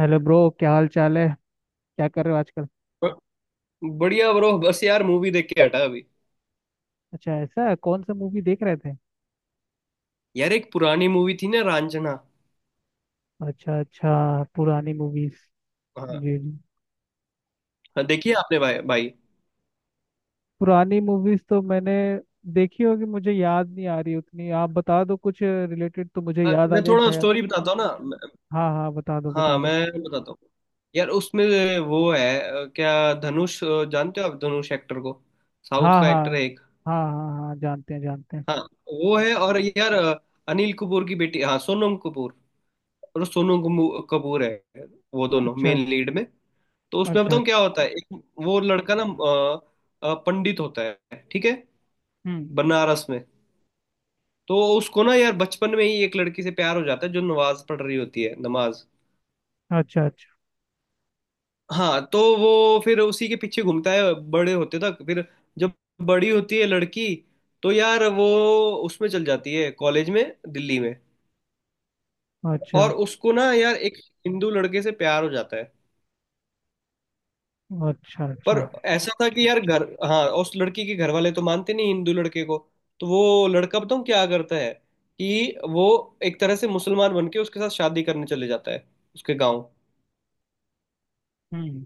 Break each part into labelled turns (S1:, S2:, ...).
S1: Hello bro, क्या हाल चाल है। क्या कर रहे हो आजकल।
S2: ब- बढ़िया ब्रो। बस यार मूवी देख के हटा अभी।
S1: अच्छा, ऐसा है, कौन सा मूवी देख रहे थे।
S2: यार एक पुरानी मूवी थी ना, रांझना।
S1: अच्छा अच्छा। पुरानी मूवीज।
S2: हाँ।
S1: जी जी।
S2: हाँ, देखी है आपने भाई भाई।
S1: पुरानी मूवीज तो मैंने देखी होगी, मुझे याद नहीं आ रही उतनी। आप बता दो कुछ रिलेटेड तो मुझे याद आ
S2: मैं
S1: जाए
S2: थोड़ा
S1: शायद।
S2: स्टोरी बताता हूँ ना।
S1: हाँ हाँ, बता दो बता
S2: हाँ
S1: दो।
S2: मैं बताता हूँ। यार उसमें वो है क्या धनुष, जानते हो आप धनुष एक्टर को? साउथ
S1: हाँ
S2: का
S1: हाँ
S2: एक्टर है एक।
S1: हाँ, हाँ हाँ जानते हैं जानते हैं।
S2: हाँ। वो है। और यार, अनिल कपूर की बेटी, हाँ, सोनम कपूर। और कपूर है। वो दोनों
S1: अच्छा अच्छा।
S2: मेन लीड में। तो उसमें
S1: अच्छा
S2: बताऊँ
S1: अच्छा।
S2: क्या होता है? एक वो लड़का ना, पंडित होता है, ठीक है,
S1: हम्म।
S2: बनारस में। तो उसको ना यार बचपन में ही एक लड़की से प्यार हो जाता है, जो नमाज पढ़ रही होती है नमाज।
S1: अच्छा अच्छा।
S2: हाँ तो वो फिर उसी के पीछे घूमता है बड़े होते तक। फिर जब बड़ी होती है लड़की, तो यार वो उसमें चल जाती है कॉलेज में, दिल्ली में।
S1: अच्छा
S2: और उसको ना यार एक हिंदू लड़के से प्यार हो जाता है।
S1: अच्छा।
S2: पर
S1: अच्छा।
S2: ऐसा था कि यार घर, हाँ, उस लड़की के घर वाले तो मानते नहीं हिंदू लड़के को। तो वो लड़का बताऊँ क्या करता है कि वो एक तरह से मुसलमान बन के उसके साथ शादी करने चले जाता है, उसके गाँव।
S1: हम्म।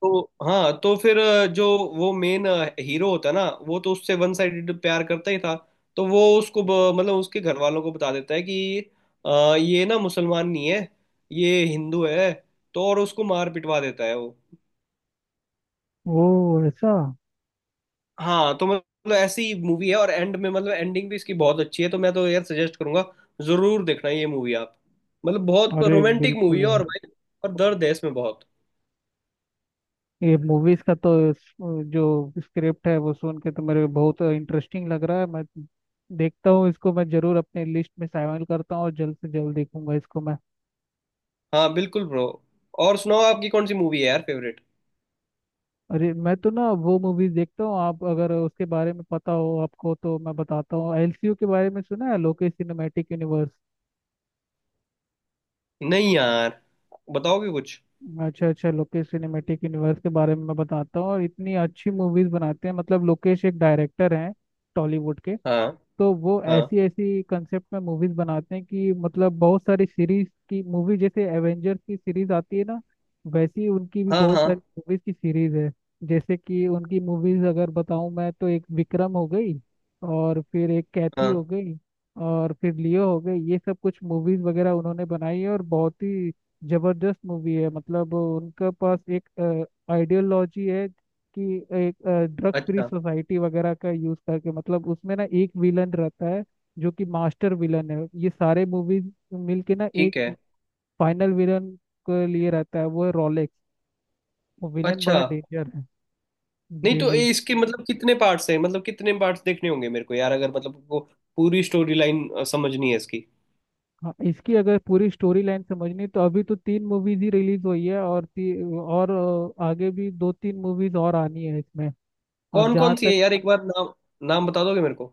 S2: तो हाँ, तो फिर जो वो मेन हीरो होता है ना, वो तो उससे वन साइडेड प्यार करता ही था। तो वो उसको मतलब उसके घर वालों को बता देता है कि ये ना मुसलमान नहीं है, ये हिंदू है। तो और उसको मार पिटवा देता है वो।
S1: ओ ऐसा।
S2: हाँ तो मतलब ऐसी मूवी है, और एंड में मतलब एंडिंग भी इसकी बहुत अच्छी है। तो मैं तो यार सजेस्ट करूंगा, जरूर देखना ये मूवी आप। मतलब बहुत
S1: अरे
S2: रोमांटिक मूवी
S1: बिल्कुल
S2: है और
S1: यार।
S2: भाई, और दर्द है इसमें बहुत।
S1: ये मूवीज का तो जो स्क्रिप्ट है वो सुन के तो मेरे को बहुत इंटरेस्टिंग लग रहा है। मैं देखता हूँ इसको, मैं जरूर अपने लिस्ट में शामिल करता हूँ और जल्द से जल्द देखूंगा इसको मैं।
S2: हाँ बिल्कुल ब्रो। और सुनाओ, आपकी कौन सी मूवी है यार फेवरेट?
S1: अरे मैं तो ना वो मूवीज देखता हूँ, आप अगर उसके बारे में पता हो आपको तो मैं बताता हूँ। एलसीयू के बारे में सुना है, लोकेश सिनेमैटिक यूनिवर्स।
S2: नहीं यार, बताओगे कुछ।
S1: अच्छा अच्छा, लोकेश सिनेमैटिक यूनिवर्स के बारे में मैं बताता हूँ। और इतनी अच्छी मूवीज बनाते हैं, मतलब लोकेश एक डायरेक्टर हैं टॉलीवुड के।
S2: हाँ
S1: तो वो
S2: हाँ
S1: ऐसी ऐसी कंसेप्ट में मूवीज बनाते हैं कि मतलब बहुत सारी सीरीज की मूवी, जैसे एवेंजर्स की सीरीज आती है ना, वैसी उनकी भी
S2: हाँ।
S1: बहुत
S2: हाँ।
S1: सारी मूवीज की सीरीज है। जैसे कि उनकी मूवीज अगर बताऊं मैं, तो एक विक्रम हो गई, और फिर एक कैथी
S2: हाँ।
S1: हो गई, और फिर लियो हो गई। ये सब कुछ मूवीज वगैरह उन्होंने बनाई है और बहुत ही जबरदस्त मूवी है। मतलब उनके पास एक आइडियोलॉजी है कि एक ड्रग फ्री
S2: अच्छा।
S1: सोसाइटी वगैरह का यूज करके, मतलब उसमें ना एक विलन रहता है जो कि मास्टर विलन है। ये सारे मूवीज मिलके ना एक
S2: ठीक है।
S1: फाइनल विलन के लिए रहता है, वो है रोलेक्स। वो विलन
S2: अच्छा।
S1: बड़ा डेंजर है।
S2: नहीं
S1: जी
S2: तो
S1: जी।
S2: ये इसके मतलब कितने पार्ट्स हैं, मतलब कितने पार्ट्स देखने होंगे मेरे को यार, अगर मतलब को पूरी स्टोरी लाइन समझनी है इसकी।
S1: हाँ, इसकी अगर पूरी स्टोरी लाइन समझनी, तो अभी तो तीन मूवीज ही रिलीज हुई है, और और आगे भी दो तीन मूवीज और आनी है इसमें। और
S2: कौन
S1: जहाँ
S2: कौन सी है
S1: तक।
S2: यार, एक बार नाम, नाम बता दोगे मेरे को?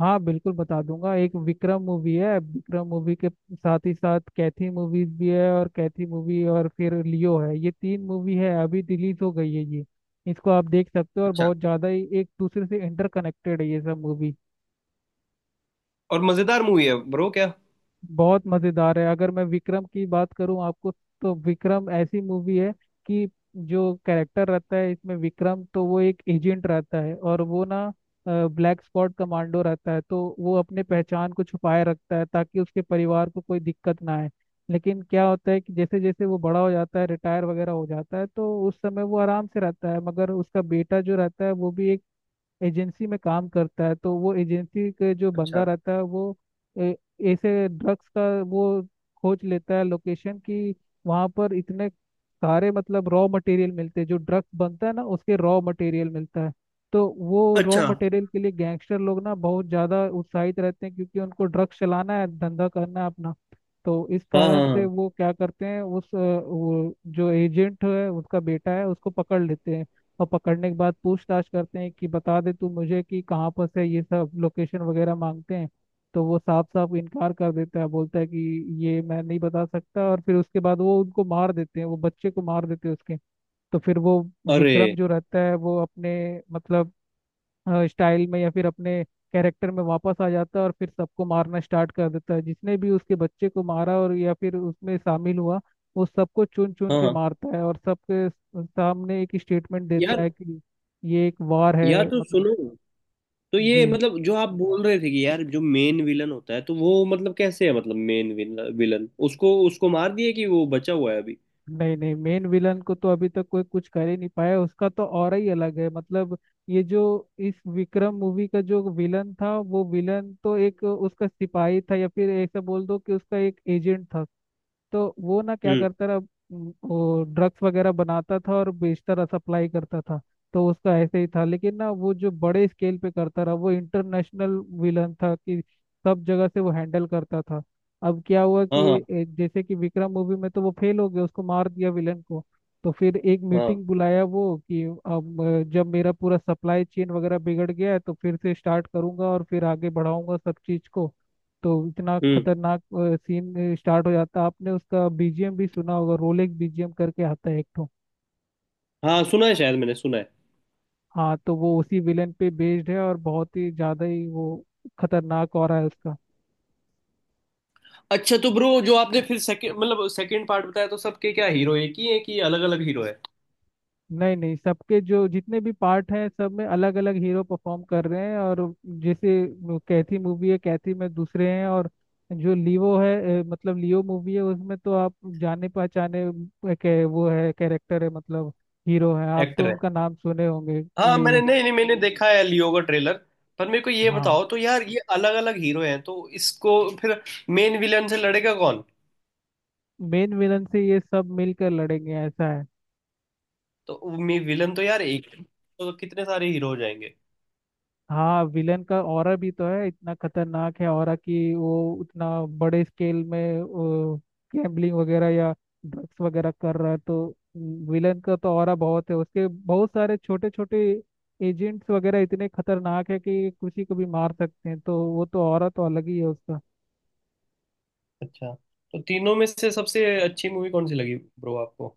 S1: हाँ बिल्कुल, बता दूंगा। एक विक्रम मूवी है, विक्रम मूवी के साथ ही साथ कैथी मूवीज भी है, और कैथी मूवी, और फिर लियो है। ये तीन मूवी है अभी रिलीज हो गई है ये, इसको आप देख सकते हो, और
S2: अच्छा।
S1: बहुत ज़्यादा ही एक दूसरे से इंटरकनेक्टेड है ये सब मूवी।
S2: और मजेदार मूवी है ब्रो क्या?
S1: बहुत मजेदार है। अगर मैं विक्रम की बात करूं आपको, तो विक्रम ऐसी मूवी है कि जो कैरेक्टर रहता है इसमें विक्रम, तो वो एक एजेंट रहता है और वो ना ब्लैक स्पॉट कमांडो रहता है। तो वो अपने पहचान को छुपाए रखता है ताकि उसके परिवार को कोई दिक्कत ना आए। लेकिन क्या होता है कि जैसे जैसे वो बड़ा हो जाता है, रिटायर वगैरह हो जाता है, तो उस समय वो आराम से रहता है, मगर उसका बेटा जो रहता है वो भी एक एजेंसी में काम करता है। तो वो एजेंसी के जो बंदा
S2: अच्छा
S1: रहता है वो ए- ऐसे ड्रग्स का वो खोज लेता है लोकेशन की। वहाँ पर इतने सारे मतलब रॉ मटेरियल मिलते हैं, जो ड्रग्स बनता है ना उसके रॉ मटेरियल मिलता है। तो वो रॉ
S2: अच्छा।
S1: मटेरियल के लिए गैंगस्टर लोग ना बहुत ज़्यादा उत्साहित रहते हैं, क्योंकि उनको ड्रग्स चलाना है, धंधा करना है अपना। तो इस
S2: हाँ
S1: कारण
S2: हाँ
S1: से
S2: हाँ।
S1: वो क्या करते हैं, उस वो जो एजेंट है उसका बेटा है, उसको पकड़ लेते हैं। और पकड़ने के बाद पूछताछ करते हैं कि बता दे तू मुझे कि कहाँ पर से, ये सब लोकेशन वगैरह मांगते हैं। तो वो साफ साफ इनकार कर देता है, बोलता है कि ये मैं नहीं बता सकता। और फिर उसके बाद वो उनको मार देते हैं, वो बच्चे को मार देते हैं उसके। तो फिर वो
S2: अरे।
S1: विक्रम जो रहता है वो अपने मतलब स्टाइल में या फिर अपने कैरेक्टर में वापस आ जाता है, और फिर सबको मारना स्टार्ट कर देता है जिसने भी उसके बच्चे को मारा और या फिर उसमें शामिल हुआ। वो सबको चुन चुन
S2: हाँ
S1: के
S2: हाँ।
S1: मारता है और सबके सामने एक स्टेटमेंट देता
S2: यार।
S1: है कि ये एक वार है
S2: यार तो
S1: मतलब।
S2: सुनो, तो
S1: जी।
S2: ये मतलब जो आप बोल रहे थे कि यार जो मेन विलन होता है, तो वो मतलब कैसे है, मतलब मेन विलन उसको उसको मार दिया कि वो बचा हुआ है अभी?
S1: नहीं नहीं, मेन विलन को तो अभी तक कोई कुछ कर ही नहीं पाया, उसका तो और ही अलग है मतलब। ये जो इस विक्रम मूवी का जो विलन था, वो विलन तो एक उसका सिपाही था, या फिर ऐसा बोल दो कि उसका एक एजेंट था। तो वो ना क्या
S2: हम्म।
S1: करता रहा, वो ड्रग्स वगैरह बनाता था और बेचता रहा, सप्लाई करता था। तो उसका ऐसे ही था, लेकिन ना वो जो बड़े स्केल पे करता रहा वो इंटरनेशनल विलन था, कि सब जगह से वो हैंडल करता था। अब क्या हुआ कि
S2: हाँ हाँ
S1: जैसे कि विक्रम मूवी में तो वो फेल हो गया, उसको मार दिया विलन को। तो फिर एक
S2: हाँ।
S1: मीटिंग बुलाया वो कि अब जब मेरा पूरा सप्लाई चेन वगैरह बिगड़ गया है, तो फिर से स्टार्ट करूंगा और फिर आगे बढ़ाऊंगा सब चीज को। तो इतना
S2: हम्म।
S1: खतरनाक सीन स्टार्ट हो जाता है। आपने उसका बीजीएम भी सुना होगा, रोलेक्स बीजीएम करके आता है एक ठो।
S2: हाँ सुना है, शायद मैंने सुना है।
S1: हाँ, तो वो उसी विलेन पे बेस्ड है, और बहुत ही ज्यादा ही वो खतरनाक हो रहा है उसका।
S2: अच्छा तो ब्रो, जो आपने फिर सेकंड, मतलब सेकंड पार्ट बताया, तो सबके क्या हीरो एक ही है कि अलग अलग हीरो है?
S1: नहीं नहीं, सबके जो जितने भी पार्ट हैं सब में अलग अलग हीरो परफॉर्म कर रहे हैं। और जैसे कैथी मूवी है, कैथी में दूसरे हैं। और जो लीवो है, मतलब लियो मूवी है, उसमें तो आप जाने पहचाने के वो है, कैरेक्टर है, मतलब हीरो है, आप
S2: एक्टर
S1: तो
S2: है।
S1: उनका नाम सुने होंगे।
S2: हाँ मैंने
S1: ये।
S2: नहीं नहीं मैंने देखा है लियो का ट्रेलर। पर मेरे को ये
S1: हाँ,
S2: बताओ तो यार, ये अलग अलग हीरो हैं तो इसको फिर मेन विलन से लड़ेगा कौन?
S1: मेन विलन से ये सब मिलकर लड़ेंगे, ऐसा है।
S2: तो विलन तो यार एक, तो कितने सारे हीरो हो जाएंगे?
S1: हाँ, विलन का ऑरा भी तो है, इतना खतरनाक है ऑरा कि वो उतना बड़े स्केल में गैम्बलिंग वगैरह या ड्रग्स वगैरह कर रहा है। तो विलन का तो ऑरा बहुत है, उसके बहुत सारे छोटे छोटे एजेंट्स वगैरह इतने खतरनाक है कि किसी को भी मार सकते हैं। तो वो तो ऑरा तो अलग ही है उसका।
S2: अच्छा। तो तीनों में से सबसे अच्छी मूवी कौन सी लगी ब्रो आपको?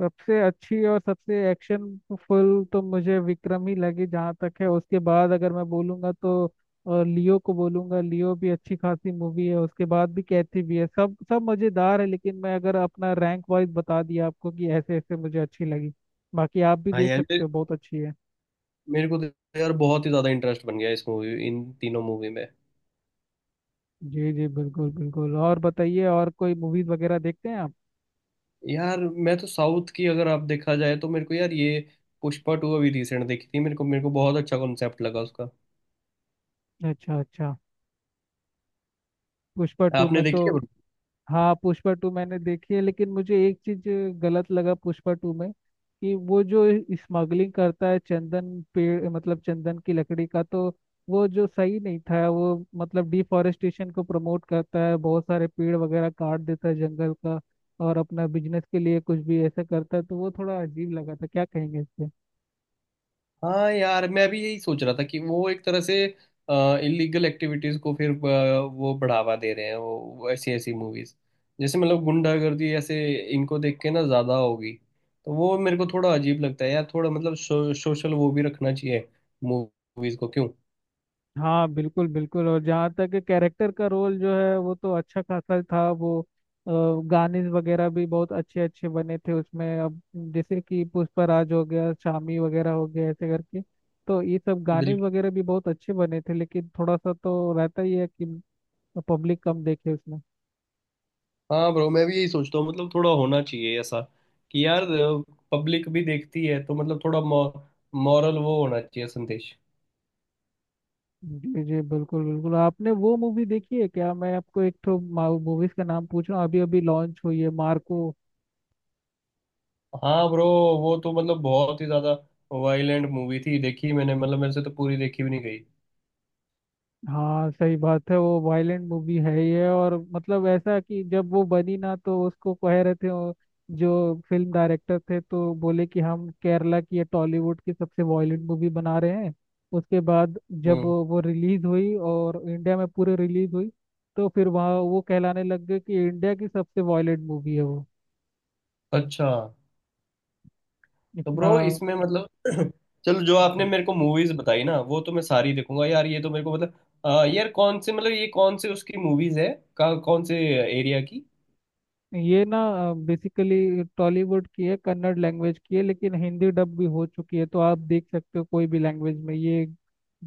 S1: सबसे अच्छी और सबसे एक्शन फुल तो मुझे विक्रम ही लगी जहाँ तक है। उसके बाद अगर मैं बोलूँगा तो लियो को बोलूँगा, लियो भी अच्छी खासी मूवी है। उसके बाद भी कैथी भी है, सब सब मज़ेदार है। लेकिन मैं अगर अपना रैंक वाइज बता दिया आपको कि ऐसे ऐसे मुझे अच्छी लगी। बाकी आप भी
S2: हाँ
S1: देख
S2: यार
S1: सकते हो, बहुत अच्छी है।
S2: मेरे को तो यार बहुत ही ज्यादा इंटरेस्ट बन गया इस मूवी, इन तीनों मूवी में।
S1: जी जी, बिल्कुल बिल्कुल। और बताइए, और कोई मूवीज़ वगैरह देखते हैं आप।
S2: यार मैं तो साउथ की अगर आप देखा जाए, तो मेरे को यार ये पुष्पा टू अभी रिसेंट देखी थी, मेरे को, मेरे को बहुत अच्छा कॉन्सेप्ट लगा उसका।
S1: अच्छा अच्छा। पुष्पा 2
S2: आपने
S1: में तो,
S2: देखी है?
S1: हाँ, पुष्पा 2 मैंने देखी है, लेकिन मुझे एक चीज गलत लगा पुष्पा 2 में। कि वो जो स्मगलिंग करता है चंदन पेड़, मतलब चंदन की लकड़ी का, तो वो जो सही नहीं था वो, मतलब डिफॉरेस्टेशन को प्रमोट करता है, बहुत सारे पेड़ वगैरह काट देता है जंगल का, और अपना बिजनेस के लिए कुछ भी ऐसा करता है। तो वो थोड़ा अजीब लगा था, क्या कहेंगे इस पे।
S2: हाँ यार मैं भी यही सोच रहा था कि वो एक तरह से इलीगल एक्टिविटीज को फिर वो बढ़ावा दे रहे हैं, वो ऐसी ऐसी मूवीज, जैसे मतलब गुंडागर्दी ऐसे, इनको देख के ना ज्यादा होगी। तो वो मेरे को थोड़ा अजीब लगता है यार, थोड़ा मतलब सोशल वो भी रखना चाहिए मूवीज को, क्यों?
S1: हाँ बिल्कुल बिल्कुल। और जहाँ तक कैरेक्टर का रोल जो है, वो तो अच्छा खासा था वो। गाने वगैरह भी बहुत अच्छे अच्छे बने थे उसमें। अब जैसे कि पुष्पराज हो गया, शामी वगैरह हो गया, ऐसे करके तो ये सब गाने
S2: बिल्कुल।
S1: वगैरह भी बहुत अच्छे बने थे। लेकिन थोड़ा सा तो रहता ही है कि पब्लिक कम देखे उसमें।
S2: हाँ ब्रो मैं भी यही सोचता हूँ, मतलब थोड़ा होना चाहिए ऐसा, कि यार पब्लिक भी देखती है तो मतलब थोड़ा मॉरल वो होना चाहिए, संदेश।
S1: जी जी, बिल्कुल बिल्कुल। आपने वो मूवी देखी है क्या, मैं आपको एक तो मूवीज का नाम पूछ रहा हूँ, अभी अभी लॉन्च हुई है, मार्को।
S2: हाँ ब्रो, वो तो मतलब बहुत ही ज्यादा वायलेंट मूवी थी, देखी मैंने, मतलब मेरे से तो पूरी देखी भी नहीं गई।
S1: हाँ सही बात है, वो वायलेंट मूवी है ही है। और मतलब ऐसा कि जब वो बनी ना, तो उसको कह रहे थे वो जो फिल्म डायरेक्टर थे, तो बोले कि हम केरला की या टॉलीवुड की सबसे वायलेंट मूवी बना रहे हैं। उसके बाद जब
S2: हम्म।
S1: वो रिलीज हुई और इंडिया में पूरे रिलीज हुई, तो फिर वहाँ वो कहलाने लग गए कि इंडिया की सबसे वायलेंट मूवी है वो,
S2: अच्छा तो
S1: इतना।
S2: ब्रो इसमें मतलब चलो, जो आपने मेरे को मूवीज बताई ना, वो तो मैं सारी देखूंगा यार। ये तो मेरे को मतलब, यार कौन से मतलब ये कौन से उसकी मूवीज है, कौन से एरिया की?
S1: ये ना बेसिकली टॉलीवुड की है, कन्नड़ लैंग्वेज की है, लेकिन हिंदी डब भी हो चुकी है। तो आप देख सकते हो कोई भी लैंग्वेज में ये।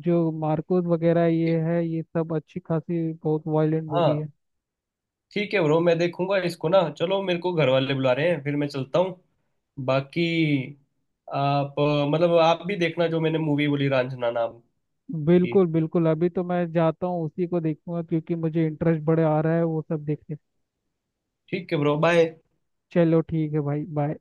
S1: जो मार्कोस वगैरह ये है, ये सब अच्छी खासी बहुत वायलेंट मूवी
S2: हाँ
S1: है।
S2: ठीक है ब्रो, मैं देखूंगा इसको ना। चलो मेरे को घर वाले बुला रहे हैं, फिर मैं चलता हूँ। बाकी आप मतलब आप भी देखना जो मैंने मूवी बोली, रांझना नाम की।
S1: बिल्कुल बिल्कुल, अभी तो मैं जाता हूँ उसी को देखूंगा, क्योंकि मुझे इंटरेस्ट बड़े आ रहा है वो सब देखने
S2: ठीक है ब्रो, बाय।
S1: चलो ठीक है भाई, बाय।